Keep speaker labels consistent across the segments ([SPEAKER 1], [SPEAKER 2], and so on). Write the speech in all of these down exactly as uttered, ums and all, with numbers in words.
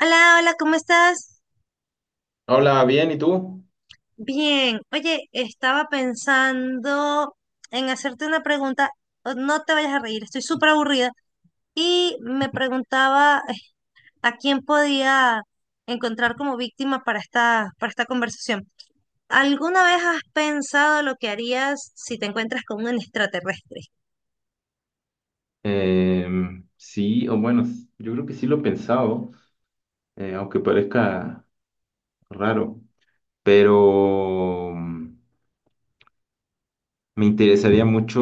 [SPEAKER 1] Hola, hola, ¿cómo estás?
[SPEAKER 2] Hola, bien, ¿y tú?
[SPEAKER 1] Bien. Oye, estaba pensando en hacerte una pregunta. o- No te vayas a reír, estoy súper aburrida. Y me preguntaba eh, a quién podía encontrar como víctima para esta, para esta conversación. ¿Alguna vez has pensado lo que harías si te encuentras con un extraterrestre?
[SPEAKER 2] Em, sí, o bueno, s- yo creo que sí lo he pensado, eh, aunque parezca raro, pero mm, me interesaría mucho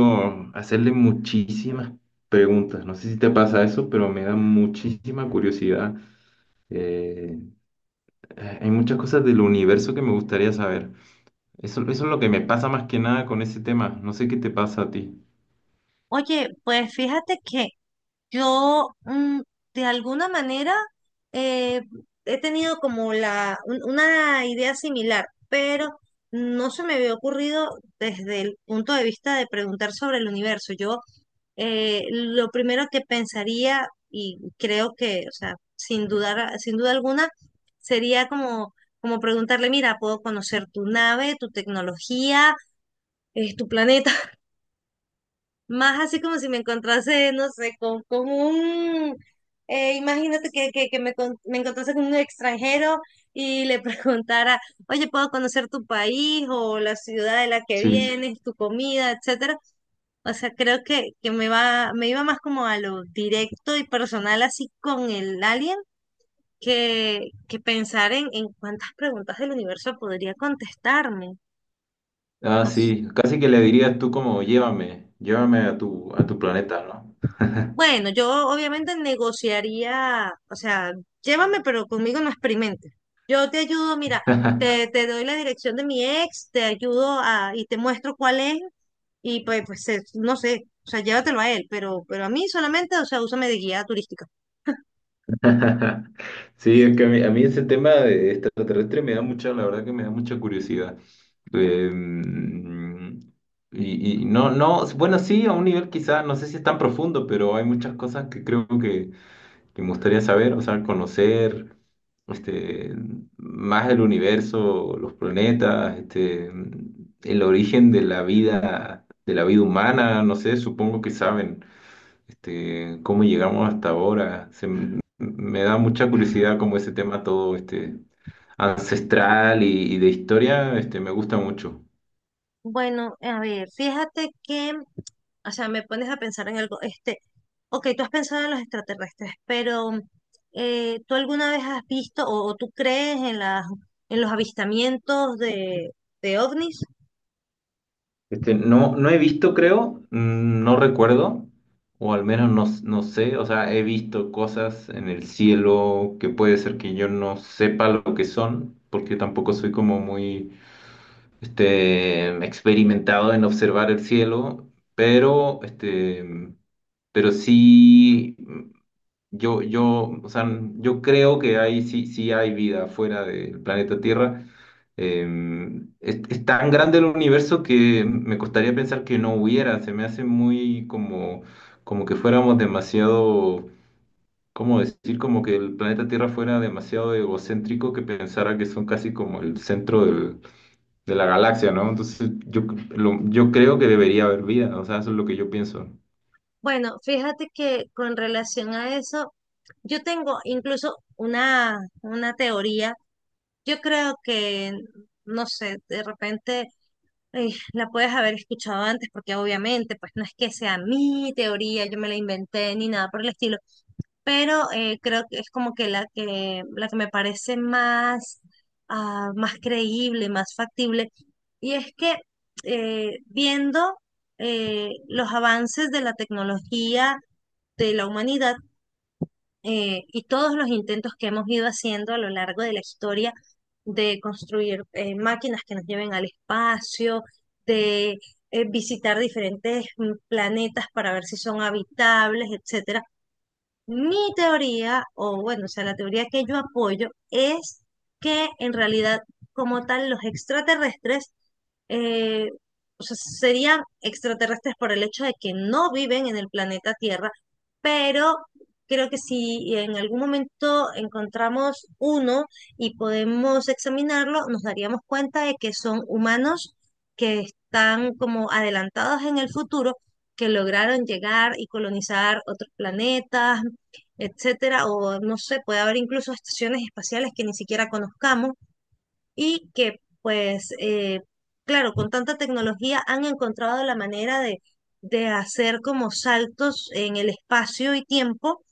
[SPEAKER 2] hacerle muchísimas preguntas. No sé si te pasa eso, pero me da muchísima curiosidad. Eh, eh, hay muchas cosas del universo que me gustaría saber. Eso, eso es lo que me pasa más que nada con ese tema. No sé qué te pasa a ti.
[SPEAKER 1] Oye, pues fíjate que Yo, mm, de alguna manera, eh, he tenido como la, un- una idea similar, pero no se me había ocurrido desde el punto de vista de preguntar sobre el universo. Yo, eh, lo primero que pensaría, y creo que, o sea, sin dudar, sin duda alguna, sería como, como preguntarle, mira, puedo conocer tu nave, tu tecnología, eh, tu planeta. Más así como si me encontrase, no sé, con, con un, eh, imagínate que, que, que me, con- me encontrase con un extranjero y le preguntara, oye, ¿puedo conocer tu país o la ciudad de la que
[SPEAKER 2] Sí.
[SPEAKER 1] vienes, tu comida, etcétera? O sea, creo que, que me va, me iba más como a lo directo y personal así con el alien que, que pensar en, en cuántas preguntas del universo podría contestarme.
[SPEAKER 2] Ah, sí, casi que le dirías tú como llévame, llévame a tu, a tu planeta, ¿no?
[SPEAKER 1] Bueno, yo obviamente negociaría, o sea, llévame, pero conmigo no experimentes. Yo te ayudo, mira, te, te doy la dirección de mi ex, te ayudo a, y te muestro cuál es, y pues, pues eh, no sé, o sea, llévatelo a él, pero, pero a mí solamente, o sea, úsame de guía turística.
[SPEAKER 2] Sí, es que a mí, a mí ese tema de extraterrestre me da mucha, la verdad que me da mucha curiosidad. Eh, y, y no, no, bueno, sí, a un nivel quizás, no sé si es tan profundo, pero hay muchas cosas que creo que, que me gustaría saber, o sea, conocer este, más del universo, los planetas, este, el origen de la vida, de la vida humana, no sé, supongo que saben este, cómo llegamos hasta ahora. Se m- me da mucha curiosidad como ese tema todo este, ancestral y, y de historia, este, me gusta mucho.
[SPEAKER 1] Bueno, a ver, fíjate que o sea, me pones a pensar en algo, este, ok, tú has pensado en los extraterrestres, pero eh, ¿tú alguna vez has visto o, o tú crees en las, en los avistamientos de, de ovnis?
[SPEAKER 2] Este, no, no he visto, creo, mm, no recuerdo, o al menos no, s- no sé, o sea, he visto cosas en el cielo que puede ser que yo no sepa lo que son, porque tampoco soy como muy este, experimentado en observar el cielo, pero, este, pero sí yo, yo, o sea, yo creo que ahí sí, sí hay vida fuera del planeta Tierra. Eh, es, es tan grande el universo que me costaría pensar que no hubiera. Se me hace muy como, como que fuéramos demasiado, ¿cómo decir? Como que el planeta Tierra fuera demasiado egocéntrico que pensara que son casi como el centro del- de la galaxia, ¿no? Entonces yo, lo- yo creo que debería haber vida. O sea, eso es lo que yo pienso.
[SPEAKER 1] Bueno, fíjate que con relación a eso, yo tengo incluso una, una teoría. Yo creo que, no sé, de repente eh, la puedes haber escuchado antes, porque obviamente, pues no es que sea mi teoría, yo me la inventé ni nada por el estilo, pero eh, creo que es como que la que, la que me parece más, ah, más creíble, más factible. Y es que eh, viendo eh, los avances de la tecnología de la humanidad, eh, y todos los intentos que hemos ido haciendo a lo largo de la historia de construir eh, máquinas que nos lleven al espacio, de eh, visitar diferentes mm, planetas para ver si son habitables, etcétera. Mi teoría, o bueno, o sea, la teoría que yo apoyo es que, en realidad, como tal, los extraterrestres, eh, o sea, serían extraterrestres por el hecho de que no viven en el planeta Tierra, pero creo que si en algún momento encontramos uno y podemos examinarlo, nos daríamos cuenta de que son humanos que están como adelantados en el futuro, que lograron llegar y colonizar otros planetas, etcétera, o no sé, puede haber incluso estaciones espaciales que ni siquiera conozcamos y que, pues, eh, claro, con tanta tecnología han encontrado la manera de, de hacer como saltos en el espacio y tiempo,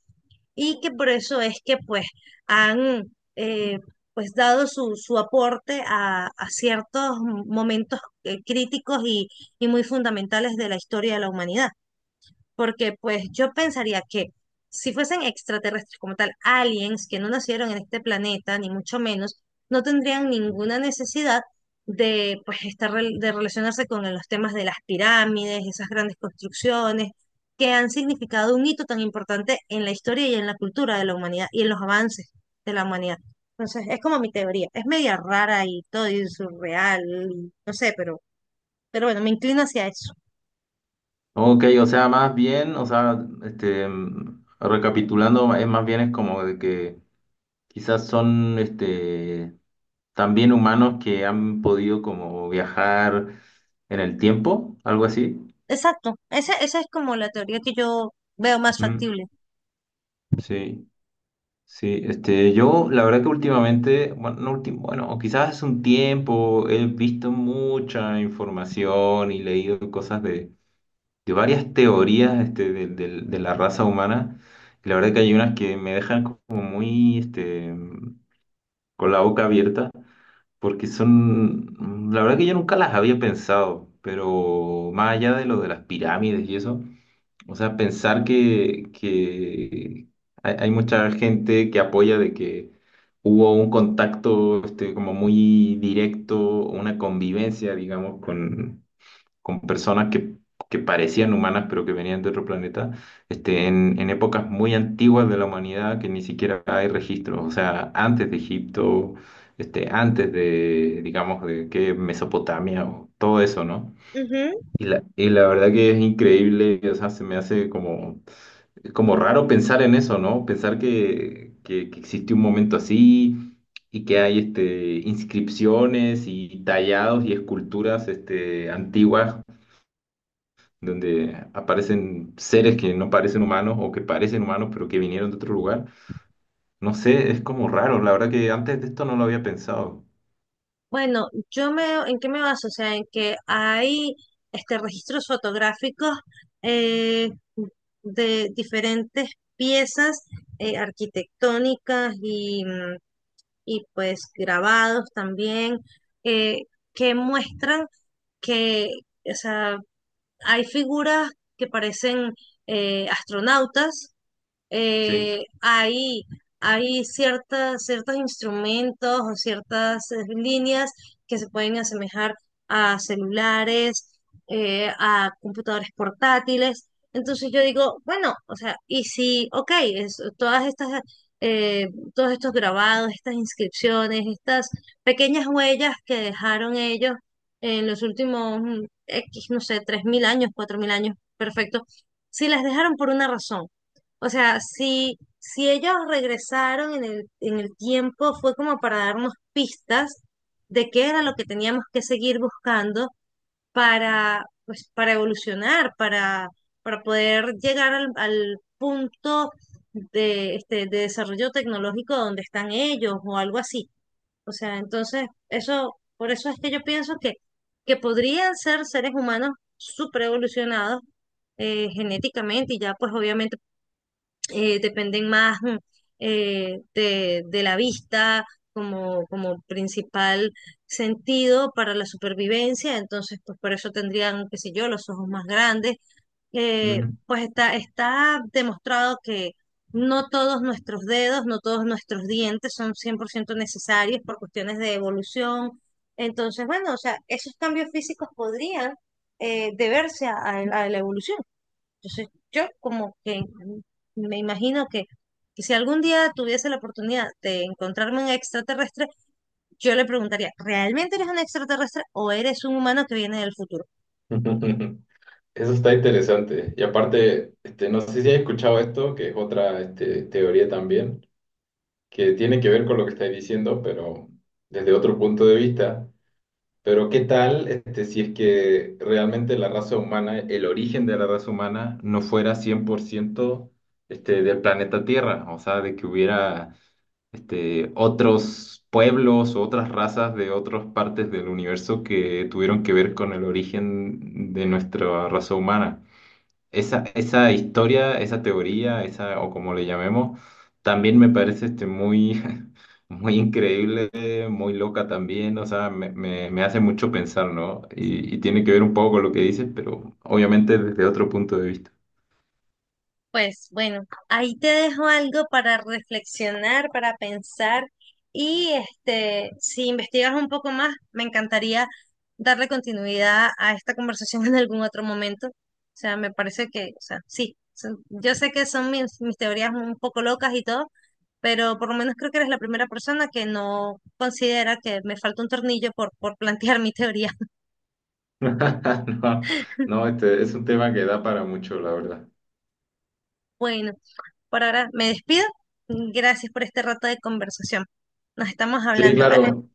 [SPEAKER 1] y que por eso es que pues han eh, pues dado su, su aporte a, a ciertos momentos eh, críticos y, y muy fundamentales de la historia de la humanidad, porque pues yo pensaría que si fuesen extraterrestres como tal, aliens que no nacieron en este planeta, ni mucho menos, no tendrían ninguna necesidad de, pues, estar rel- de relacionarse con los temas de las pirámides, esas grandes construcciones que han significado un hito tan importante en la historia y en la cultura de la humanidad y en los avances de la humanidad. Entonces, es como mi teoría. Es media rara y todo y surreal, y no sé, pero, pero bueno, me inclino hacia eso.
[SPEAKER 2] Ok, o sea, más bien, o sea, este, mm, recapitulando, es más bien es como de que quizás son, este, también humanos que han podido como viajar en el tiempo, algo así.
[SPEAKER 1] Exacto, esa, esa es como la teoría que yo veo más
[SPEAKER 2] Mm,
[SPEAKER 1] factible.
[SPEAKER 2] sí, sí, este, yo la verdad que últimamente, bueno, no últim- bueno, o quizás hace un tiempo he visto mucha información y leído cosas de de varias teorías este, de, de- de la raza humana. Y la verdad que hay unas que me dejan como muy este, con la boca abierta, porque son, la verdad que yo nunca las había pensado, pero más allá de lo de las pirámides y eso, o sea, pensar que, que hay, hay mucha gente que apoya de que hubo un contacto este, como muy directo, una convivencia, digamos, con con personas que, que parecían humanas pero que venían de otro planeta, este, en, en épocas muy antiguas de la humanidad que ni siquiera hay registros, o sea, antes de Egipto, este, antes de, digamos, de que Mesopotamia o todo eso, ¿no?
[SPEAKER 1] Ujú.
[SPEAKER 2] Y la, y la verdad que es increíble, o sea, se me hace como, como raro pensar en eso, ¿no? Pensar que, que, que existe un momento así y que hay este, inscripciones y tallados y esculturas este, antiguas donde aparecen seres que no parecen humanos o que parecen humanos pero que vinieron de otro lugar. No sé, es como raro, la verdad que antes de esto no lo había pensado.
[SPEAKER 1] Bueno, yo me, ¿en qué me baso? O sea, en que hay este, registros fotográficos eh, de diferentes piezas eh, arquitectónicas y, mm, y pues grabados también eh, que muestran que, o sea, hay figuras que parecen eh, astronautas,
[SPEAKER 2] Sí.
[SPEAKER 1] eh, hay, hay ciertas, ciertos instrumentos o ciertas eh, líneas que se pueden asemejar a celulares, eh, a computadores portátiles. Entonces yo digo, bueno, o sea, y si, ok, es- todas estas, eh, todos estos grabados, estas inscripciones, estas pequeñas huellas que dejaron ellos en los últimos mm, X, no sé, tres mil años, cuatro mil años, perfecto, si las dejaron por una razón. O sea, si, si ellos regresaron en el, en el tiempo, fue como para darnos pistas de qué era lo que teníamos que seguir buscando para, pues, para evolucionar, para, para poder llegar al, al punto de, este, de desarrollo tecnológico donde están ellos o algo así. O sea, entonces, eso, por eso es que yo pienso que, que podrían ser seres humanos super evolucionados, eh, genéticamente, y ya pues obviamente eh, dependen más, mm, eh, de, de la vista como, como principal sentido para la supervivencia, entonces pues por eso tendrían, qué sé yo, los ojos más grandes. Eh,
[SPEAKER 2] Mm.
[SPEAKER 1] pues está, está demostrado que no todos nuestros dedos, no todos nuestros dientes son cien por ciento necesarios por cuestiones de evolución. Entonces, bueno, o sea, esos cambios físicos podrían, eh, deberse a a- a la evolución. Entonces, yo como que me imagino que, que si algún día tuviese la oportunidad de encontrarme un extraterrestre, yo le preguntaría, ¿realmente eres un extraterrestre o eres un humano que viene del futuro?
[SPEAKER 2] Eso está interesante. Y aparte, este, no sé si has escuchado esto, que es otra este, teoría también, que tiene que ver con lo que estáis diciendo, pero desde otro punto de vista, pero ¿qué tal este, si es que realmente la raza humana, el origen de la raza humana no fuera cien por ciento, este, del planeta Tierra? O sea, de que hubiera este, otros pueblos o otras razas de otras partes del universo que tuvieron que ver con el origen de nuestra raza humana. Esa, esa historia, esa teoría, esa, o como le llamemos, también me parece este, muy, muy increíble, muy loca también, o sea, me, me, me hace mucho pensar, ¿no? Y, y tiene que ver un poco con lo que dices, pero obviamente desde otro punto de vista.
[SPEAKER 1] Pues bueno, ahí te dejo algo para reflexionar, para pensar, y este, si investigas un poco más, me encantaría darle continuidad a esta conversación en algún otro momento. O sea, me parece que, o sea, sí, son- yo sé que son mis, mis teorías un poco locas y todo, pero por lo menos creo que eres la primera persona que no considera que me falta un tornillo por, por plantear mi teoría.
[SPEAKER 2] No, no, este es un tema que da para mucho, la verdad.
[SPEAKER 1] Bueno, por ahora me despido. Gracias por este rato de conversación. Nos estamos
[SPEAKER 2] Sí,
[SPEAKER 1] hablando, ¿vale?
[SPEAKER 2] claro.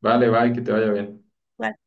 [SPEAKER 2] Vale, bye, que te vaya bien.
[SPEAKER 1] Bye.